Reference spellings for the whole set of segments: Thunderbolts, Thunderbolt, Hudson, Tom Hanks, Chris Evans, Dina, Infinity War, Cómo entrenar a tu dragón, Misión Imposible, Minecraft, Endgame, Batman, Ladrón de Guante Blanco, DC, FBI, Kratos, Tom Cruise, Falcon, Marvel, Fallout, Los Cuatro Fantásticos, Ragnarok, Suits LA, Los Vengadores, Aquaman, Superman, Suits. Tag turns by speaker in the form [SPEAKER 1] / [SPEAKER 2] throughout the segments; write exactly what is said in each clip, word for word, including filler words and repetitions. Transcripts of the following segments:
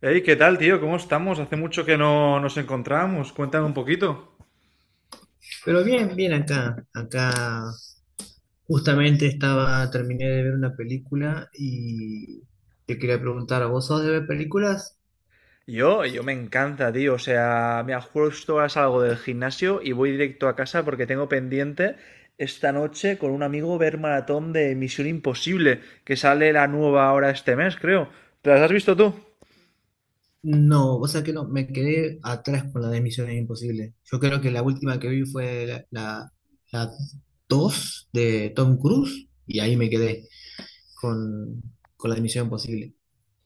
[SPEAKER 1] Hey, ¿qué tal, tío? ¿Cómo estamos? Hace mucho que no nos encontramos. Cuéntame un poquito.
[SPEAKER 2] Pero bien, bien acá. Acá justamente estaba, terminé de ver una película y te quería preguntar, ¿vos sos de ver películas?
[SPEAKER 1] Yo, yo me encanta, tío. O sea, mira, justo ahora salgo del gimnasio y voy directo a casa porque tengo pendiente esta noche con un amigo ver maratón de Misión Imposible, que sale la nueva ahora este mes, creo. ¿Te las has visto tú?
[SPEAKER 2] No, o sea que no, me quedé atrás con la de Misiones Imposibles. Yo creo que la última que vi fue la, la, la dos de Tom Cruise y ahí me quedé con, con la de Misión Imposible.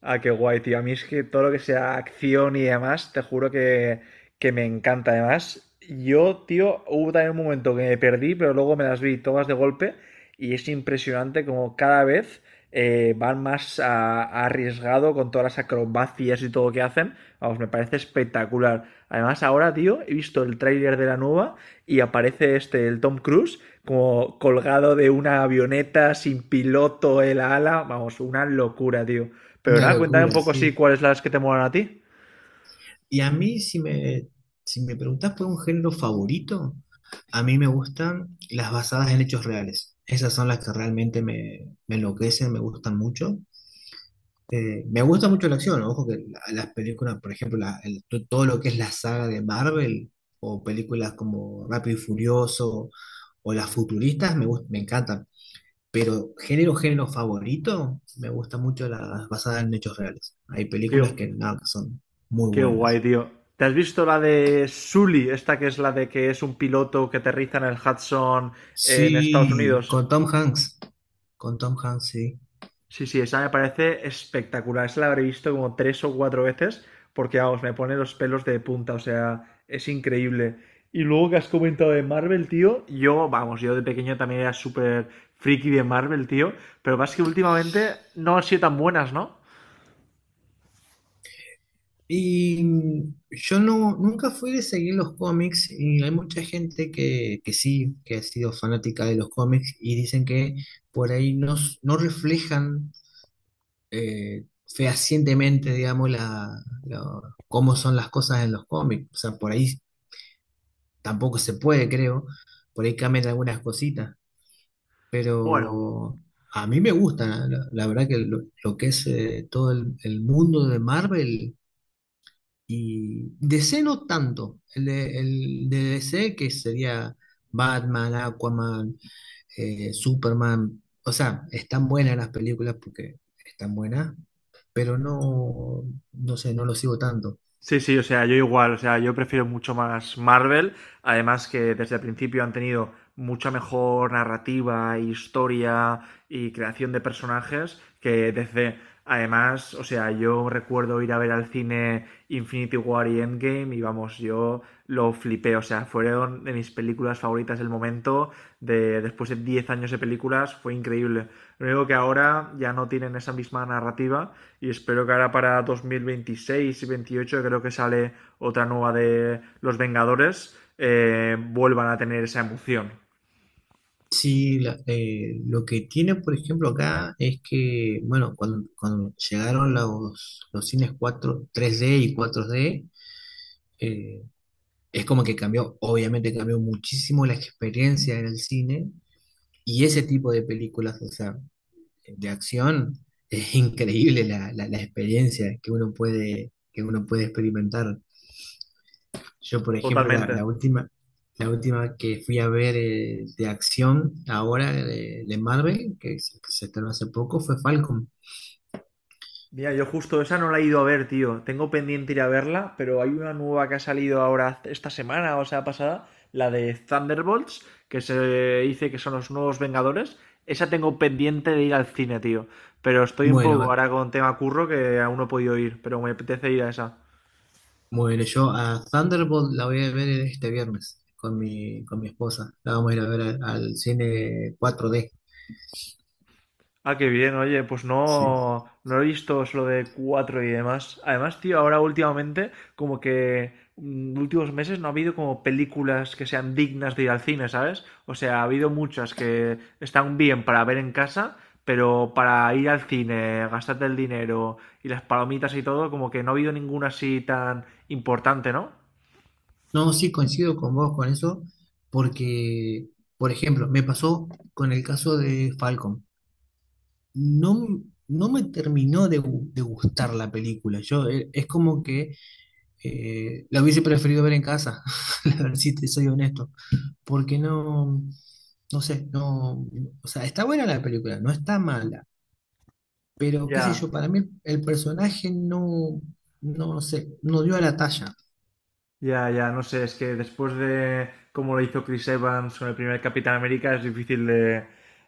[SPEAKER 1] Ah, qué guay, tío. A mí es que todo lo que sea acción y demás, te juro que, que me encanta. Además, yo, tío, hubo también un momento que me perdí, pero luego me las vi todas de golpe y es impresionante como cada vez eh, van más a- a arriesgado con todas las acrobacias y todo lo que hacen. Vamos, me parece espectacular. Además, ahora, tío, he visto el tráiler de la nueva y aparece este, el Tom Cruise, como colgado de una avioneta sin piloto en la ala. Vamos, una locura, tío. Pero
[SPEAKER 2] Una
[SPEAKER 1] nada, cuéntame un
[SPEAKER 2] locura,
[SPEAKER 1] poco sí
[SPEAKER 2] sí.
[SPEAKER 1] cuáles las que te molan a ti.
[SPEAKER 2] Y a mí, si me, si me preguntás por un género favorito, a mí me gustan las basadas en hechos reales. Esas son las que realmente me, me enloquecen, me gustan mucho. Eh, me gusta mucho la acción, ojo que la- las películas, por ejemplo, la- el- to- todo lo que es la saga de Marvel o películas como Rápido y Furioso o las futuristas me, gust- me encantan. Pero género, género favorito, me gusta mucho las basadas en hechos reales. Hay
[SPEAKER 1] Qué,
[SPEAKER 2] películas que, nada, que son muy
[SPEAKER 1] qué guay,
[SPEAKER 2] buenas.
[SPEAKER 1] tío. ¿Te has visto la de Sully, esta que es la de que es un piloto que aterriza en el Hudson eh, en Estados
[SPEAKER 2] Sí,
[SPEAKER 1] Unidos?
[SPEAKER 2] con Tom Hanks, con Tom Hanks, sí.
[SPEAKER 1] Sí, sí, esa me parece espectacular. Esa la habré visto como tres o cuatro veces porque, vamos, me pone los pelos de punta, o sea, es increíble. Y luego que has comentado de Marvel, tío, yo, vamos, yo de pequeño también era súper friki de Marvel, tío, pero más que últimamente no han sido tan buenas, ¿no?
[SPEAKER 2] Y mm, yo no, nunca fui de seguir los cómics y hay mucha gente que, que sí, que ha sido fanática de los cómics y dicen que por ahí no, s- no reflejan eh, fehacientemente, digamos, la, la- cómo son las cosas en los cómics. O sea, por ahí tampoco se puede, creo. Por ahí cambian algunas cositas.
[SPEAKER 1] Bueno,
[SPEAKER 2] Pero a mí me gusta, la, la- la verdad que lo, lo que es eh, todo el, el mundo de Marvel y D C no tanto. El de, el de D C que sería Batman, Aquaman, eh, Superman. O sea, están buenas las películas porque están buenas, pero no, no sé, no lo sigo tanto.
[SPEAKER 1] sí, sí, o sea, yo igual, o sea, yo prefiero mucho más Marvel. Además que desde el principio han tenido mucha mejor narrativa, historia y creación de personajes que desde... Además, o sea, yo recuerdo ir a ver al cine Infinity War y Endgame y vamos, yo lo flipé, o sea, fueron de mis películas favoritas del momento, de, después de diez años de películas, fue increíble. Lo único que ahora ya no tienen esa misma narrativa y espero que ahora para dos mil veintiséis y veintiocho creo que sale otra nueva de Los Vengadores eh, vuelvan a tener esa emoción.
[SPEAKER 2] Sí, la- eh, lo que tiene, por ejemplo, acá es que, bueno, cuando, cuando llegaron los, los cines cuatro tres d y cuatro d eh, es como que cambió, obviamente cambió muchísimo la experiencia en el cine y ese tipo de películas, o sea, de acción, es increíble la, la- la experiencia que uno puede, que uno puede experimentar. Yo, por ejemplo, la,
[SPEAKER 1] Totalmente.
[SPEAKER 2] la última, la última que fui a ver eh, de acción ahora de, de Marvel, que se, que se estrenó hace poco, fue Falcon.
[SPEAKER 1] Mira, yo justo esa no la he ido a ver, tío. Tengo pendiente ir a verla, pero hay una nueva que ha salido ahora esta semana, o sea, pasada, la de Thunderbolts, que se dice que son los nuevos Vengadores. Esa tengo pendiente de ir al cine, tío. Pero estoy un poco
[SPEAKER 2] Bueno,
[SPEAKER 1] ahora con tema curro que aún no he podido ir, pero me apetece ir a esa.
[SPEAKER 2] bueno, yo a Thunderbolt la voy a ver este viernes con mi, con mi esposa. La vamos a ir a ver al, al cine cuatro d.
[SPEAKER 1] Ah, qué bien, oye, pues
[SPEAKER 2] Sí.
[SPEAKER 1] no, no he visto solo de cuatro y demás. Además, tío, ahora últimamente, como que mm, últimos meses no ha habido como películas que sean dignas de ir al cine, ¿sabes? O sea, ha habido muchas que están bien para ver en casa, pero para ir al cine, gastarte el dinero y las palomitas y todo, como que no ha habido ninguna así tan importante, ¿no?
[SPEAKER 2] No, sí coincido con vos con eso, porque, por ejemplo, me pasó con el caso de Falcon. No, no me terminó de, gu- de gustar la película. Yo, eh, es como que Eh, la hubiese preferido ver en casa, la verdad, si te soy honesto. Porque no, no sé, no, o sea, está buena la película, no está mala, pero qué sé yo,
[SPEAKER 1] Ya.
[SPEAKER 2] para mí el personaje no, no sé, no dio a la talla.
[SPEAKER 1] Ya, ya, no sé, es que después de cómo lo hizo Chris Evans con el primer Capitán América es difícil de,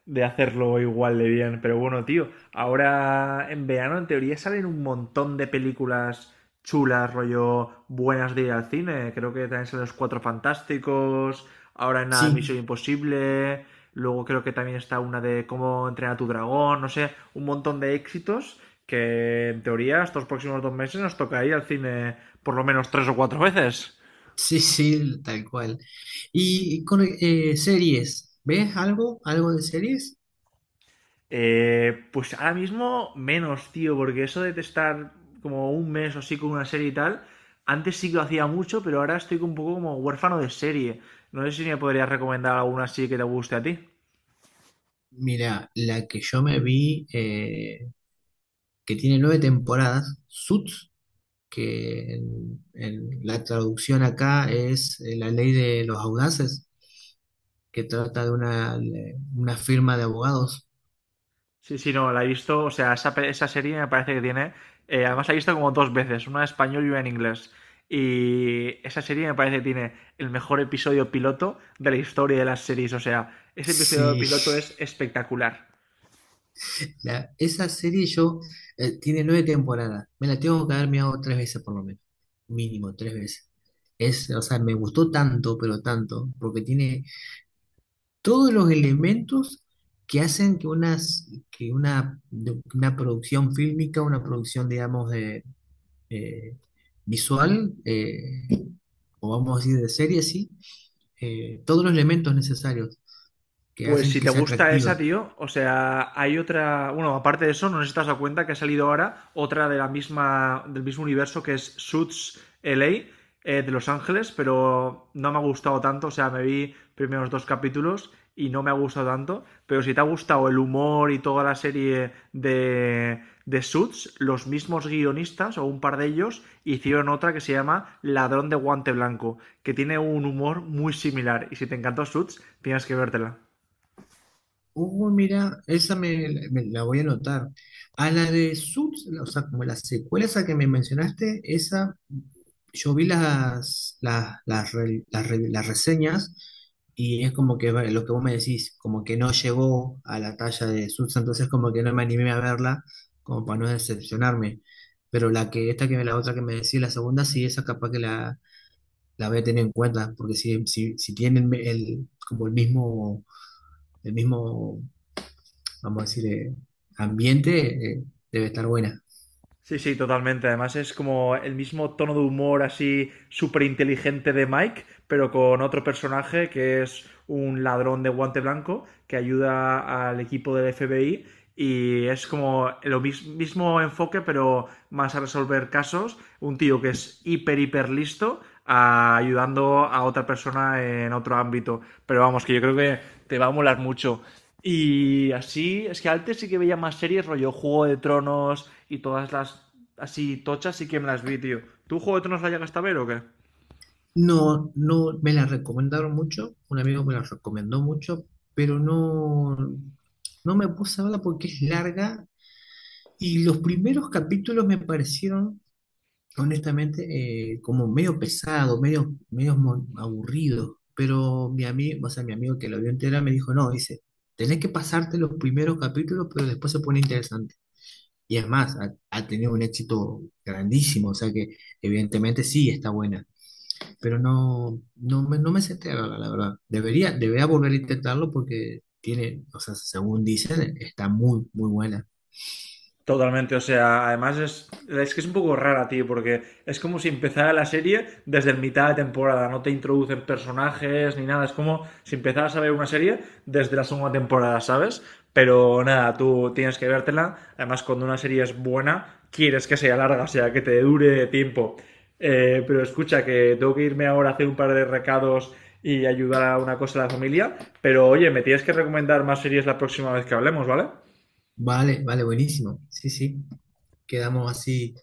[SPEAKER 1] de hacerlo igual de bien. Pero bueno, tío, ahora en verano en teoría salen un montón de películas chulas, rollo buenas de ir al cine. Creo que también salen Los Cuatro Fantásticos, ahora en nada
[SPEAKER 2] Sí,
[SPEAKER 1] Misión Imposible, luego creo que también está una de Cómo entrenar a tu dragón, no sé, un montón de éxitos que en teoría estos próximos dos meses nos toca ir al cine por lo menos tres o cuatro veces.
[SPEAKER 2] sí, sí, tal cual. Y con eh, series, ¿ves algo? ¿Algo de series?
[SPEAKER 1] Eh, pues ahora mismo menos, tío, porque eso de estar como un mes o así con una serie y tal, antes sí que lo hacía mucho, pero ahora estoy un poco como huérfano de serie. No sé si me podrías recomendar alguna así que te guste a ti.
[SPEAKER 2] Mira, la que yo me vi, eh, que tiene nueve temporadas, Suits, que en, en la traducción acá es eh, la ley de los audaces, que trata de una, una firma de abogados.
[SPEAKER 1] Sí, sí, no, la he visto, o sea, esa, esa serie me parece que tiene, eh, además la he visto como dos veces, una en español y una en inglés. Y esa serie me parece que tiene el mejor episodio piloto de la historia de las series, o sea, ese episodio
[SPEAKER 2] Sí,
[SPEAKER 1] piloto es espectacular.
[SPEAKER 2] la- esa serie yo eh, tiene nueve temporadas. Me la tengo que haber mirado tres veces por lo menos. Mínimo, tres veces. Es, o sea, me gustó tanto, pero tanto, porque tiene todos los elementos que hacen que, unas, que una, de- una producción fílmica, una producción, digamos, de, eh, visual, eh, o vamos a decir de serie, sí, eh, todos los elementos necesarios que
[SPEAKER 1] Pues
[SPEAKER 2] hacen
[SPEAKER 1] si
[SPEAKER 2] que
[SPEAKER 1] te
[SPEAKER 2] sea
[SPEAKER 1] gusta esa,
[SPEAKER 2] atractiva.
[SPEAKER 1] tío, o sea, hay otra, bueno, aparte de eso, no sé si te has dado cuenta que ha salido ahora otra de la misma, del mismo universo que es Suits L A, eh, de Los Ángeles, pero no me ha gustado tanto, o sea, me vi primeros dos capítulos y no me ha gustado tanto, pero si te ha gustado el humor y toda la serie de, de Suits, los mismos guionistas o un par de ellos hicieron otra que se llama Ladrón de Guante Blanco, que tiene un humor muy similar y si te encantó Suits, tienes que vértela.
[SPEAKER 2] Uh, mira, esa me, me la voy a anotar. A la de Suits, o sea, como la secuela esa que me mencionaste, esa, yo vi las, las, las, re- las re- las reseñas y es como que va- lo que vos me decís, como que no llegó a la talla de Suits, entonces como que no me animé a verla, como para no decepcionarme. Pero la que, esta que la otra que me decís, la segunda, sí, esa capaz que la, la voy a tener en cuenta, porque si, si, si tienen el, como el mismo el mismo vamos a decir, eh, ambiente, eh, debe estar buena.
[SPEAKER 1] Sí, sí, totalmente. Además es como el mismo tono de humor así súper inteligente de Mike, pero con otro personaje que es un ladrón de guante blanco que ayuda al equipo del F B I y es como el mismo enfoque, pero más a resolver casos. Un tío que es hiper, hiper listo a- ayudando a otra persona en otro ámbito. Pero vamos, que yo creo que te va a molar mucho. Y así, es que antes sí que veía más series, rollo Juego de Tronos y todas las así tochas, sí que me las vi, tío. ¿Tú Juego de Tronos la llegaste a ver o qué?
[SPEAKER 2] No, no me la recomendaron mucho, un amigo me la recomendó mucho, pero no, no me puse a verla porque es larga y los primeros capítulos me parecieron, honestamente, eh, como medio pesado, medio, medio mo- aburrido. Pero mi amigo, o sea, mi amigo que lo vio entera me dijo, no, dice, tenés que pasarte los primeros capítulos, pero después se pone interesante. Y es más, ha, ha tenido un éxito grandísimo, o sea que evidentemente sí está buena, pero no, no me, no me senté a verla, la verdad. Debería, debería volver a intentarlo porque tiene, o sea, según dicen, está muy, muy buena.
[SPEAKER 1] Totalmente, o sea, además es, es que es un poco rara, tío, porque es como si empezara la serie desde el mitad de temporada, no te introducen personajes ni nada, es como si empezaras a ver una serie desde la segunda temporada, ¿sabes? Pero nada, tú tienes que vértela, además cuando una serie es buena, quieres que sea larga, o sea, que te dure tiempo. Eh, pero escucha, que tengo que irme ahora a hacer un par de recados y ayudar a una cosa a la familia, pero oye, me tienes que recomendar más series la próxima vez que hablemos, ¿vale?
[SPEAKER 2] Vale, vale, buenísimo. Sí, sí, quedamos así.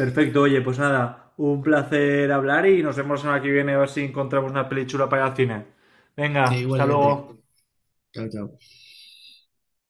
[SPEAKER 1] Perfecto, oye, pues nada, un placer hablar y nos vemos en la que viene a ver si encontramos una peli chula para ir al cine.
[SPEAKER 2] E
[SPEAKER 1] Venga, hasta
[SPEAKER 2] igualmente.
[SPEAKER 1] luego.
[SPEAKER 2] Chao, chao.